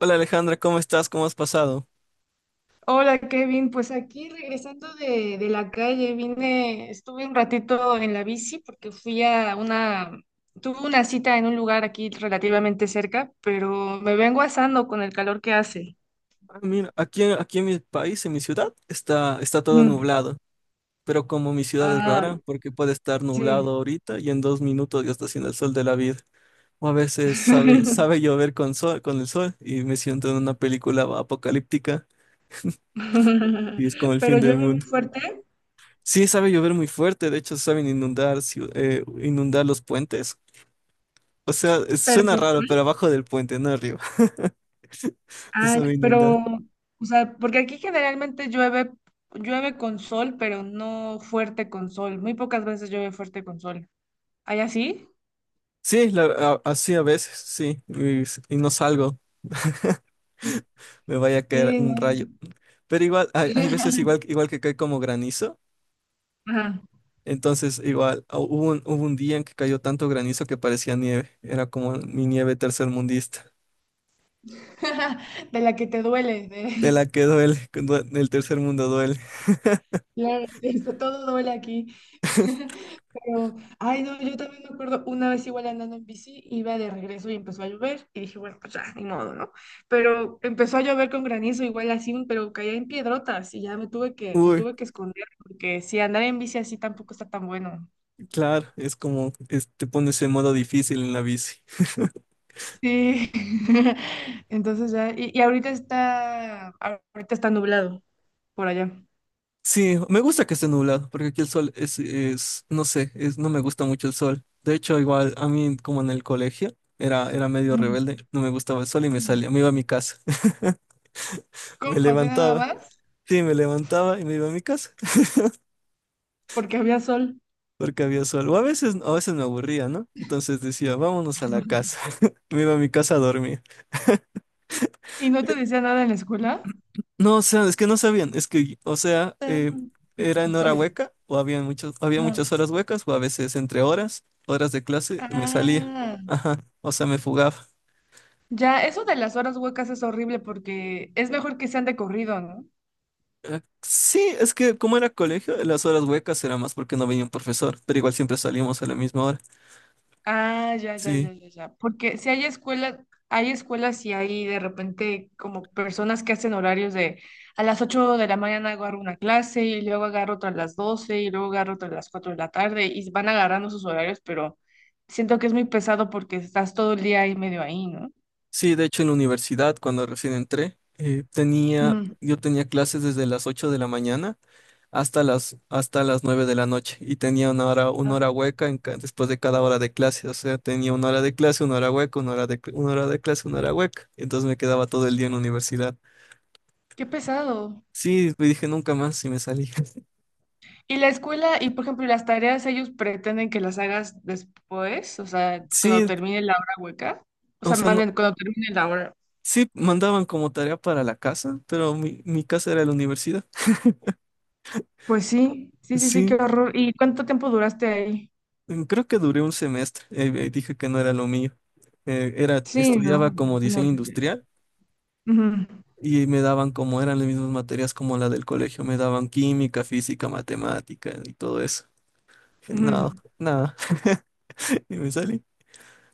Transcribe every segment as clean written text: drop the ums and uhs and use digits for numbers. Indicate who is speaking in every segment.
Speaker 1: Hola Alejandra, ¿cómo estás? ¿Cómo has pasado?
Speaker 2: Hola Kevin, pues aquí regresando de la calle, vine, estuve un ratito en la bici porque tuve una cita en un lugar aquí relativamente cerca, pero me vengo asando con el calor que hace.
Speaker 1: Ah, mira, aquí, aquí en mi país, en mi ciudad, está todo
Speaker 2: Mm.
Speaker 1: nublado, pero como mi ciudad es
Speaker 2: Ay,
Speaker 1: rara, porque puede estar nublado
Speaker 2: sí.
Speaker 1: ahorita y en 2 minutos ya está haciendo el sol de la vida. O a veces sabe, sabe llover con sol, con el sol y me siento en una película apocalíptica y es como el
Speaker 2: Pero
Speaker 1: fin del
Speaker 2: llueve muy
Speaker 1: mundo.
Speaker 2: fuerte,
Speaker 1: Sí, sabe llover muy fuerte, de hecho saben inundar, inundar los puentes. O sea, suena
Speaker 2: pero,
Speaker 1: raro, pero abajo del puente, no arriba. Te
Speaker 2: ah, ya,
Speaker 1: sabe inundar.
Speaker 2: pero, o sea, porque aquí generalmente llueve, llueve con sol, pero no fuerte con sol. Muy pocas veces llueve fuerte con sol. ¿Hay así?
Speaker 1: Sí, así a veces, sí, y no salgo, me vaya a caer
Speaker 2: Sí, no.
Speaker 1: un rayo. Pero igual, hay veces igual, igual que cae como granizo,
Speaker 2: Ajá.
Speaker 1: entonces igual, hubo un día en que cayó tanto granizo que parecía nieve, era como mi nieve tercermundista,
Speaker 2: De la que te duele.
Speaker 1: de la que duele, el tercer mundo duele.
Speaker 2: Claro, eso, todo duele aquí. Pero, ay, no, yo también me acuerdo una vez igual andando en bici, iba de regreso y empezó a llover. Y dije, bueno, pues ya, ni modo, ¿no? Pero empezó a llover con granizo, igual así, pero caía en piedrotas y ya me tuve que, me
Speaker 1: Uy,
Speaker 2: tuve que esconder porque si andar en bici así tampoco está tan bueno.
Speaker 1: claro, te pones en modo difícil en la bici.
Speaker 2: Sí. Entonces ya, y ahorita está nublado por allá.
Speaker 1: Sí, me gusta que esté nublado, porque aquí el sol no sé, no me gusta mucho el sol. De hecho, igual a mí, como en el colegio, era medio rebelde, no me gustaba el sol y me
Speaker 2: Ujú.
Speaker 1: salía, me iba a mi casa. Me
Speaker 2: ¿Cómo? ¿Así nada
Speaker 1: levantaba,
Speaker 2: más?
Speaker 1: sí, me levantaba y me iba a mi casa,
Speaker 2: Porque había sol.
Speaker 1: porque había sol. O a veces me aburría, ¿no? Entonces decía, vámonos a la casa. Me iba a mi casa a dormir.
Speaker 2: ¿Y no te decía nada en la escuela?
Speaker 1: No, o sea, es que no sabían, es que, o sea,
Speaker 2: Ah,
Speaker 1: era
Speaker 2: No
Speaker 1: en hora
Speaker 2: sabía.
Speaker 1: hueca, o había muchas, había
Speaker 2: Ah,
Speaker 1: muchas horas huecas, o a veces entre horas de clase, me salía.
Speaker 2: ah,
Speaker 1: Ajá, o sea, me fugaba.
Speaker 2: ya, eso de las horas huecas es horrible porque es mejor que sean de corrido, ¿no?
Speaker 1: Sí, es que como era colegio, las horas huecas era más porque no venía un profesor, pero igual siempre salíamos a la misma hora.
Speaker 2: Ah, ya, ya,
Speaker 1: Sí,
Speaker 2: ya, ya, ya. Porque si hay escuelas, hay escuelas y hay de repente como personas que hacen horarios de a las 8 de la mañana agarro una clase y luego agarro otra a las 12 y luego agarro otra a las 4 de la tarde y van agarrando sus horarios, pero siento que es muy pesado porque estás todo el día ahí medio ahí, ¿no?
Speaker 1: sí, de hecho en la universidad, cuando recién entré,
Speaker 2: Ujú.
Speaker 1: yo tenía clases desde las 8 de la mañana hasta las 9 de la noche y tenía una hora, una
Speaker 2: Ah,
Speaker 1: hora hueca después de cada hora de clase, o sea, tenía una hora de clase, una hora hueca, una hora de clase, una hora hueca, entonces me quedaba todo el día en la universidad.
Speaker 2: qué pesado.
Speaker 1: Sí, me dije nunca más y me salí.
Speaker 2: Y la escuela, y por ejemplo, las tareas, ellos pretenden que las hagas después, o sea, cuando
Speaker 1: Sí,
Speaker 2: termine la hora hueca, o
Speaker 1: o
Speaker 2: sea,
Speaker 1: sea,
Speaker 2: más
Speaker 1: no,
Speaker 2: bien cuando termine la hora.
Speaker 1: sí mandaban como tarea para la casa, pero mi casa era la universidad.
Speaker 2: Pues sí, sí, sí, sí, qué
Speaker 1: Sí,
Speaker 2: horror. ¿Y cuánto tiempo duraste ahí?
Speaker 1: creo que duré un semestre, dije que no era lo mío. Eh, era,
Speaker 2: Sí, no,
Speaker 1: estudiaba
Speaker 2: no,
Speaker 1: como
Speaker 2: son
Speaker 1: diseño
Speaker 2: horribles.
Speaker 1: industrial.
Speaker 2: Ujú,
Speaker 1: Y me daban como eran las mismas materias como la del colegio, me daban química, física, matemática y todo eso. Dije, no,
Speaker 2: ujú.
Speaker 1: nada. Y me salí.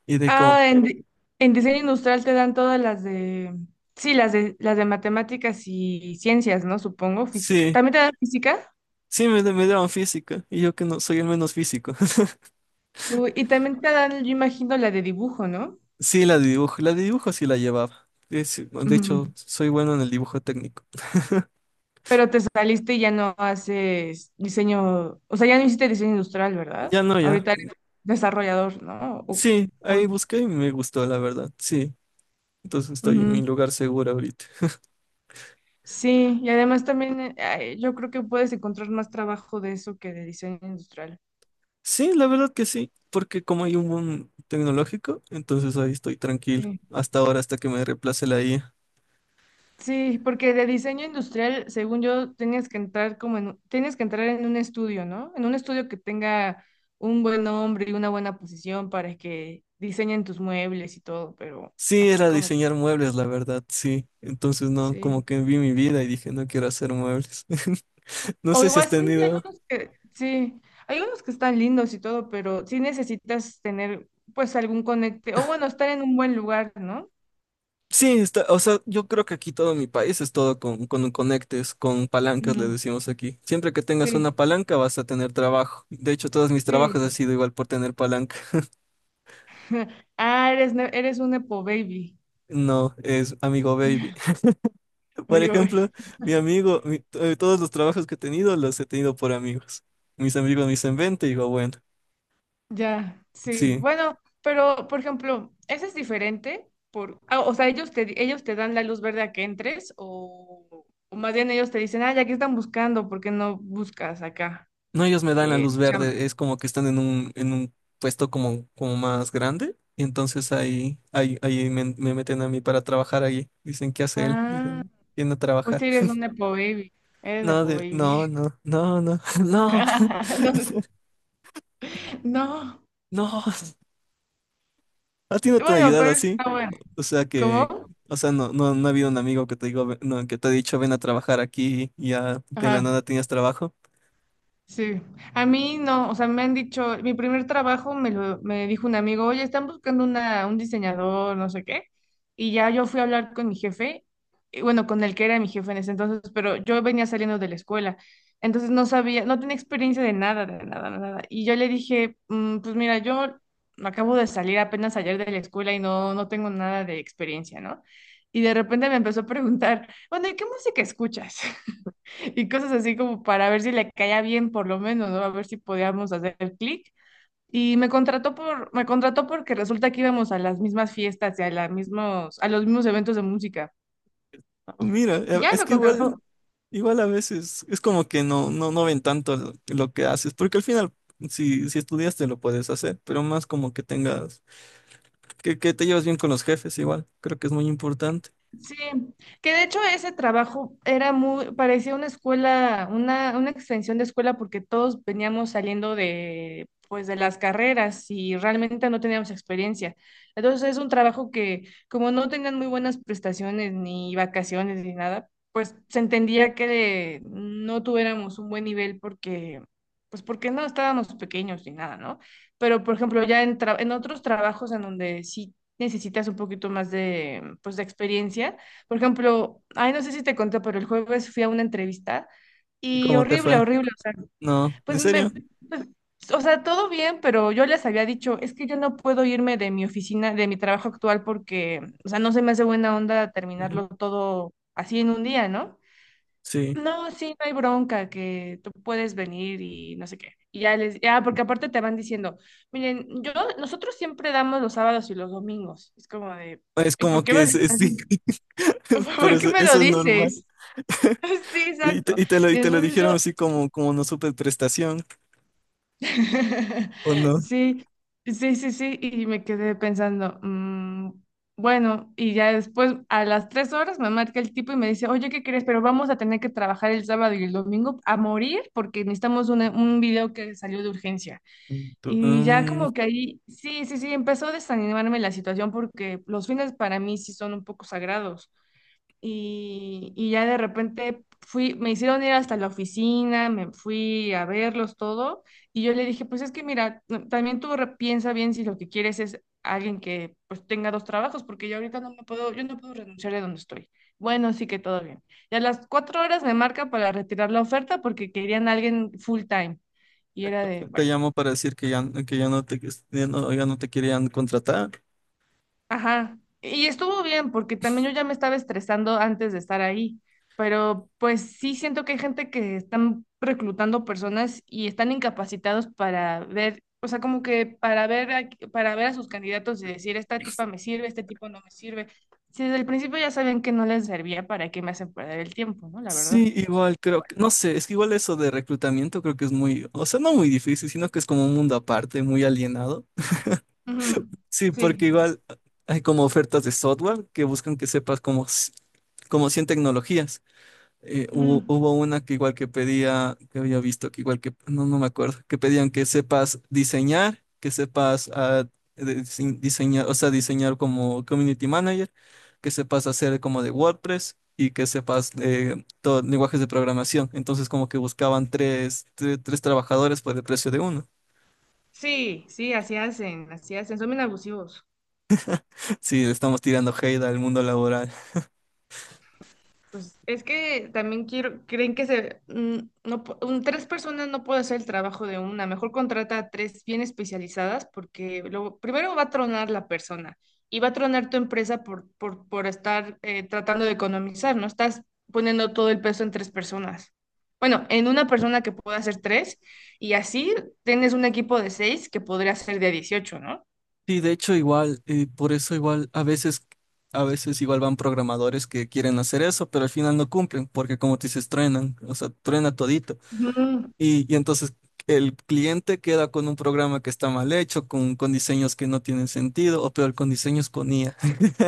Speaker 1: Y de como,
Speaker 2: Ah, en, di- en diseño industrial te dan todas las de, sí, las de matemáticas y ciencias, ¿no? Supongo, física.
Speaker 1: sí,
Speaker 2: ¿También te dan física?
Speaker 1: sí me daban física. Y yo que no soy el menos físico.
Speaker 2: Uy, y también te dan, yo imagino, la de dibujo, ¿no?
Speaker 1: Sí, la de dibujo sí la llevaba. De hecho,
Speaker 2: Ujú.
Speaker 1: soy bueno en el dibujo técnico.
Speaker 2: Pero te saliste y ya no haces diseño, o sea, ya no hiciste diseño industrial, ¿verdad?
Speaker 1: Ya no, ya.
Speaker 2: Ahorita eres desarrollador, ¿no?
Speaker 1: Sí, ahí
Speaker 2: O-
Speaker 1: busqué y me gustó, la verdad. Sí, entonces estoy en mi
Speaker 2: ujú.
Speaker 1: lugar seguro ahorita.
Speaker 2: Sí, y además también ay, yo creo que puedes encontrar más trabajo de eso que de diseño industrial.
Speaker 1: Sí, la verdad que sí, porque como hay un boom tecnológico, entonces ahí estoy tranquilo,
Speaker 2: Sí.
Speaker 1: hasta ahora, hasta que me reemplace la IA.
Speaker 2: Sí, porque de diseño industrial, según yo, tienes que entrar como en, tienes que entrar en un estudio, ¿no? En un estudio que tenga un buen nombre y una buena posición para que diseñen tus muebles y todo, pero
Speaker 1: Sí,
Speaker 2: así
Speaker 1: era
Speaker 2: como
Speaker 1: diseñar
Speaker 2: que
Speaker 1: muebles, la verdad, sí. Entonces no,
Speaker 2: sí.
Speaker 1: como que vi mi vida y dije, no quiero hacer muebles. No
Speaker 2: O
Speaker 1: sé si
Speaker 2: igual
Speaker 1: has
Speaker 2: sí, hay
Speaker 1: tenido.
Speaker 2: algunos que, sí, hay unos que están lindos y todo, pero sí necesitas tener pues algún conecte, o bueno, estar en un buen lugar, ¿no?
Speaker 1: Sí, está, o sea, yo creo que aquí todo mi país es todo con, conectes, con palancas, le
Speaker 2: Ujú,
Speaker 1: decimos aquí. Siempre que tengas
Speaker 2: sí.
Speaker 1: una palanca vas a tener trabajo. De hecho, todos mis
Speaker 2: Sí.
Speaker 1: trabajos han sido igual por tener palanca.
Speaker 2: Ah, eres, eres un Nepo Baby.
Speaker 1: No, es amigo baby. Por
Speaker 2: Digo, güey.
Speaker 1: ejemplo, todos los trabajos que he tenido los he tenido por amigos. Mis amigos me dicen, vente, y digo, bueno,
Speaker 2: Ya, sí.
Speaker 1: sí.
Speaker 2: Bueno, pero por ejemplo, ¿ese es diferente? O sea, ellos te dan la luz verde a que entres o más bien ellos te dicen, ah, ya que están buscando, ¿por qué no buscas acá?
Speaker 1: No, ellos me dan la luz
Speaker 2: Chamba.
Speaker 1: verde, es como que están en un, puesto como más grande, y entonces ahí me meten a mí para trabajar ahí. Dicen, ¿qué hace él?
Speaker 2: Ah,
Speaker 1: Dicen, viene a
Speaker 2: pues
Speaker 1: trabajar.
Speaker 2: sí, eres un Nepo Baby. Eres
Speaker 1: No,
Speaker 2: Nepo
Speaker 1: no,
Speaker 2: Baby.
Speaker 1: no, no, no, no,
Speaker 2: Entonces, no.
Speaker 1: no. ¿A ti no te han
Speaker 2: Bueno,
Speaker 1: ayudado
Speaker 2: pero eso
Speaker 1: así?
Speaker 2: está bueno.
Speaker 1: O sea que,
Speaker 2: ¿Cómo?
Speaker 1: o sea, no ha habido un amigo que te digo, "Ve- no, que te ha dicho ven a trabajar aquí y ya de
Speaker 2: Ajá.
Speaker 1: la nada tenías trabajo.
Speaker 2: Sí, a mí no, o sea, me han dicho, mi primer trabajo me dijo un amigo, oye, están buscando una, un diseñador, no sé qué, y ya yo fui a hablar con mi jefe, y bueno, con el que era mi jefe en ese entonces, pero yo venía saliendo de la escuela, entonces no sabía, no tenía experiencia de nada, de nada, de nada, y yo le dije, "Mm, pues mira, yo acabo de salir apenas ayer de la escuela y no, no tengo nada de experiencia, ¿no? Y de repente me empezó a preguntar, bueno, ¿y qué música escuchas? Y cosas así como para ver si le caía bien por lo menos, ¿no? A ver si podíamos hacer clic. Y me contrató por, me contrató porque resulta que íbamos a las mismas fiestas y a las mismos, a los mismos eventos de música.
Speaker 1: Ah, mira,
Speaker 2: Y ya
Speaker 1: es
Speaker 2: me
Speaker 1: que igual,
Speaker 2: contrató,
Speaker 1: igual a veces es como que no ven tanto lo que haces, porque al final si estudiaste lo puedes hacer, pero más como que tengas, que te llevas bien con los jefes igual, creo que es muy importante.
Speaker 2: sí, que de hecho ese trabajo era muy, parecía una escuela, una extensión de escuela porque todos veníamos saliendo de, pues, de las carreras y realmente no teníamos experiencia. Entonces es un trabajo que como no tenían muy buenas prestaciones ni vacaciones ni nada, pues se entendía que no tuviéramos un buen nivel porque, pues porque no estábamos pequeños ni nada, ¿no? Pero por ejemplo ya en, en otros trabajos en donde sí necesitas un poquito más de, pues, de experiencia. Por ejemplo, ay, no sé si te conté, pero el jueves fui a una entrevista
Speaker 1: ¿Y
Speaker 2: y
Speaker 1: cómo te
Speaker 2: horrible,
Speaker 1: fue?
Speaker 2: horrible. O sea,
Speaker 1: No, ¿en
Speaker 2: pues me,
Speaker 1: serio?
Speaker 2: pues, o sea, todo bien, pero yo les había dicho, es que yo no puedo irme de mi oficina, de mi trabajo actual, porque, o sea, no se me hace buena onda
Speaker 1: Ujú.
Speaker 2: terminarlo todo así en un día, ¿no?
Speaker 1: Sí.
Speaker 2: No, sí, no hay bronca, que tú puedes venir y no sé qué. Y ya les, ya, porque aparte te van diciendo, miren, yo, nosotros siempre damos los sábados y los domingos. Es como de,
Speaker 1: Es
Speaker 2: ¿y
Speaker 1: como
Speaker 2: por qué
Speaker 1: que
Speaker 2: me lo
Speaker 1: es,
Speaker 2: estás
Speaker 1: sí,
Speaker 2: diciendo?
Speaker 1: pero
Speaker 2: ¿Por qué
Speaker 1: eso,
Speaker 2: me lo
Speaker 1: eso es normal.
Speaker 2: dices? Sí,
Speaker 1: Y te,
Speaker 2: exacto.
Speaker 1: y te lo, y
Speaker 2: Y
Speaker 1: te lo
Speaker 2: entonces
Speaker 1: dijeron
Speaker 2: yo,
Speaker 1: así como no supe prestación. O no.
Speaker 2: sí, sí, sí, sí, y me quedé pensando, mm, bueno, y ya después a las 3 horas me marca el tipo y me dice, oye, ¿qué crees? Pero vamos a tener que trabajar el sábado y el domingo a morir porque necesitamos un video que salió de urgencia.
Speaker 1: Tú,
Speaker 2: Y ya
Speaker 1: mm,
Speaker 2: como que ahí, sí, sí, sí, empezó a desanimarme la situación porque los fines para mí sí son un poco sagrados y ya de repente fui, me hicieron ir hasta la oficina, me fui a verlos todo y yo le dije, pues es que mira, también tú piensa bien si lo que quieres es alguien que pues tenga dos trabajos, porque yo ahorita no me puedo, yo no puedo renunciar de donde estoy. Bueno, sí que todo bien. Y a las 4 horas me marca para retirar la oferta porque querían a alguien full time. Y era de,
Speaker 1: te
Speaker 2: bueno.
Speaker 1: llamo para decir que ya no te, que ya no, ya no te querían contratar.
Speaker 2: Ajá, y estuvo bien porque también yo ya me estaba estresando antes de estar ahí, pero pues sí siento que hay gente que están reclutando personas y están incapacitados para ver, o sea, como que para ver a, sus candidatos y decir, esta tipa me sirve, este tipo no me sirve. Si desde el principio ya sabían que no les servía, ¿para qué me hacen perder el tiempo, no? La verdad.
Speaker 1: Sí, igual creo que, no sé, es que igual eso de reclutamiento creo que es muy, o sea, no muy difícil, sino que es como un mundo aparte, muy alienado.
Speaker 2: Ujú,
Speaker 1: Sí, porque
Speaker 2: sí.
Speaker 1: igual hay como ofertas de software que buscan que sepas como 100 tecnologías. eh, hubo,
Speaker 2: Ujú.
Speaker 1: hubo una que igual que pedía, que había visto, no me acuerdo, que pedían que sepas diseñar, que sepas diseñar, o sea, diseñar como community manager, que sepas hacer como de WordPress y que sepas lenguajes de programación. Entonces como que buscaban tres trabajadores por el precio de uno.
Speaker 2: Sí, sí, así hacen, son bien abusivos.
Speaker 1: Sí, le estamos tirando hate al mundo laboral.
Speaker 2: Pues es que también quiero, creen que se, mm, no, tres personas no puede hacer el trabajo de una. Mejor contrata a tres bien especializadas porque luego, primero va a tronar la persona y va a tronar tu empresa por, estar tratando de economizar, ¿no? Estás poniendo todo el peso en tres personas. Bueno, en una persona que pueda hacer tres y así tienes un equipo de seis que podría ser de 18, ¿no?
Speaker 1: Sí, de hecho igual, por eso igual a veces igual van programadores que quieren hacer eso, pero al final no cumplen, porque como te dices, truenan, o sea, truena todito.
Speaker 2: Ujú.
Speaker 1: Y entonces el cliente queda con un programa que está mal hecho, con, diseños que no tienen sentido, o peor, con diseños con IA.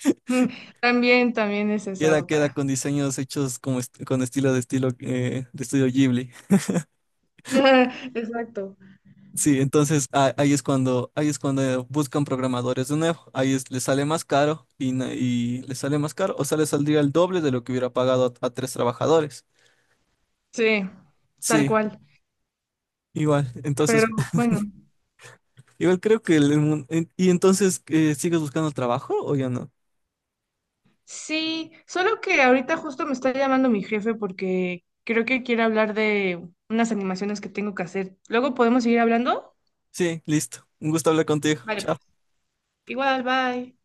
Speaker 2: Ujú. También, también es esa
Speaker 1: Queda
Speaker 2: otra.
Speaker 1: con diseños hechos con estilo de estudio Ghibli.
Speaker 2: Exacto.
Speaker 1: Sí, entonces ahí es cuando buscan programadores de nuevo. Les sale más caro y les sale más caro, o sea, les saldría el doble de lo que hubiera pagado a, tres trabajadores.
Speaker 2: Sí, tal
Speaker 1: Sí,
Speaker 2: cual.
Speaker 1: igual. Entonces,
Speaker 2: Pero bueno,
Speaker 1: igual creo que y entonces ¿sigues buscando trabajo o ya no?
Speaker 2: sí, solo que ahorita justo me está llamando mi jefe porque creo que quiere hablar de unas animaciones que tengo que hacer. Luego podemos seguir hablando.
Speaker 1: Sí, listo. Un gusto hablar contigo.
Speaker 2: Vale, pues.
Speaker 1: Chao.
Speaker 2: Igual, bye.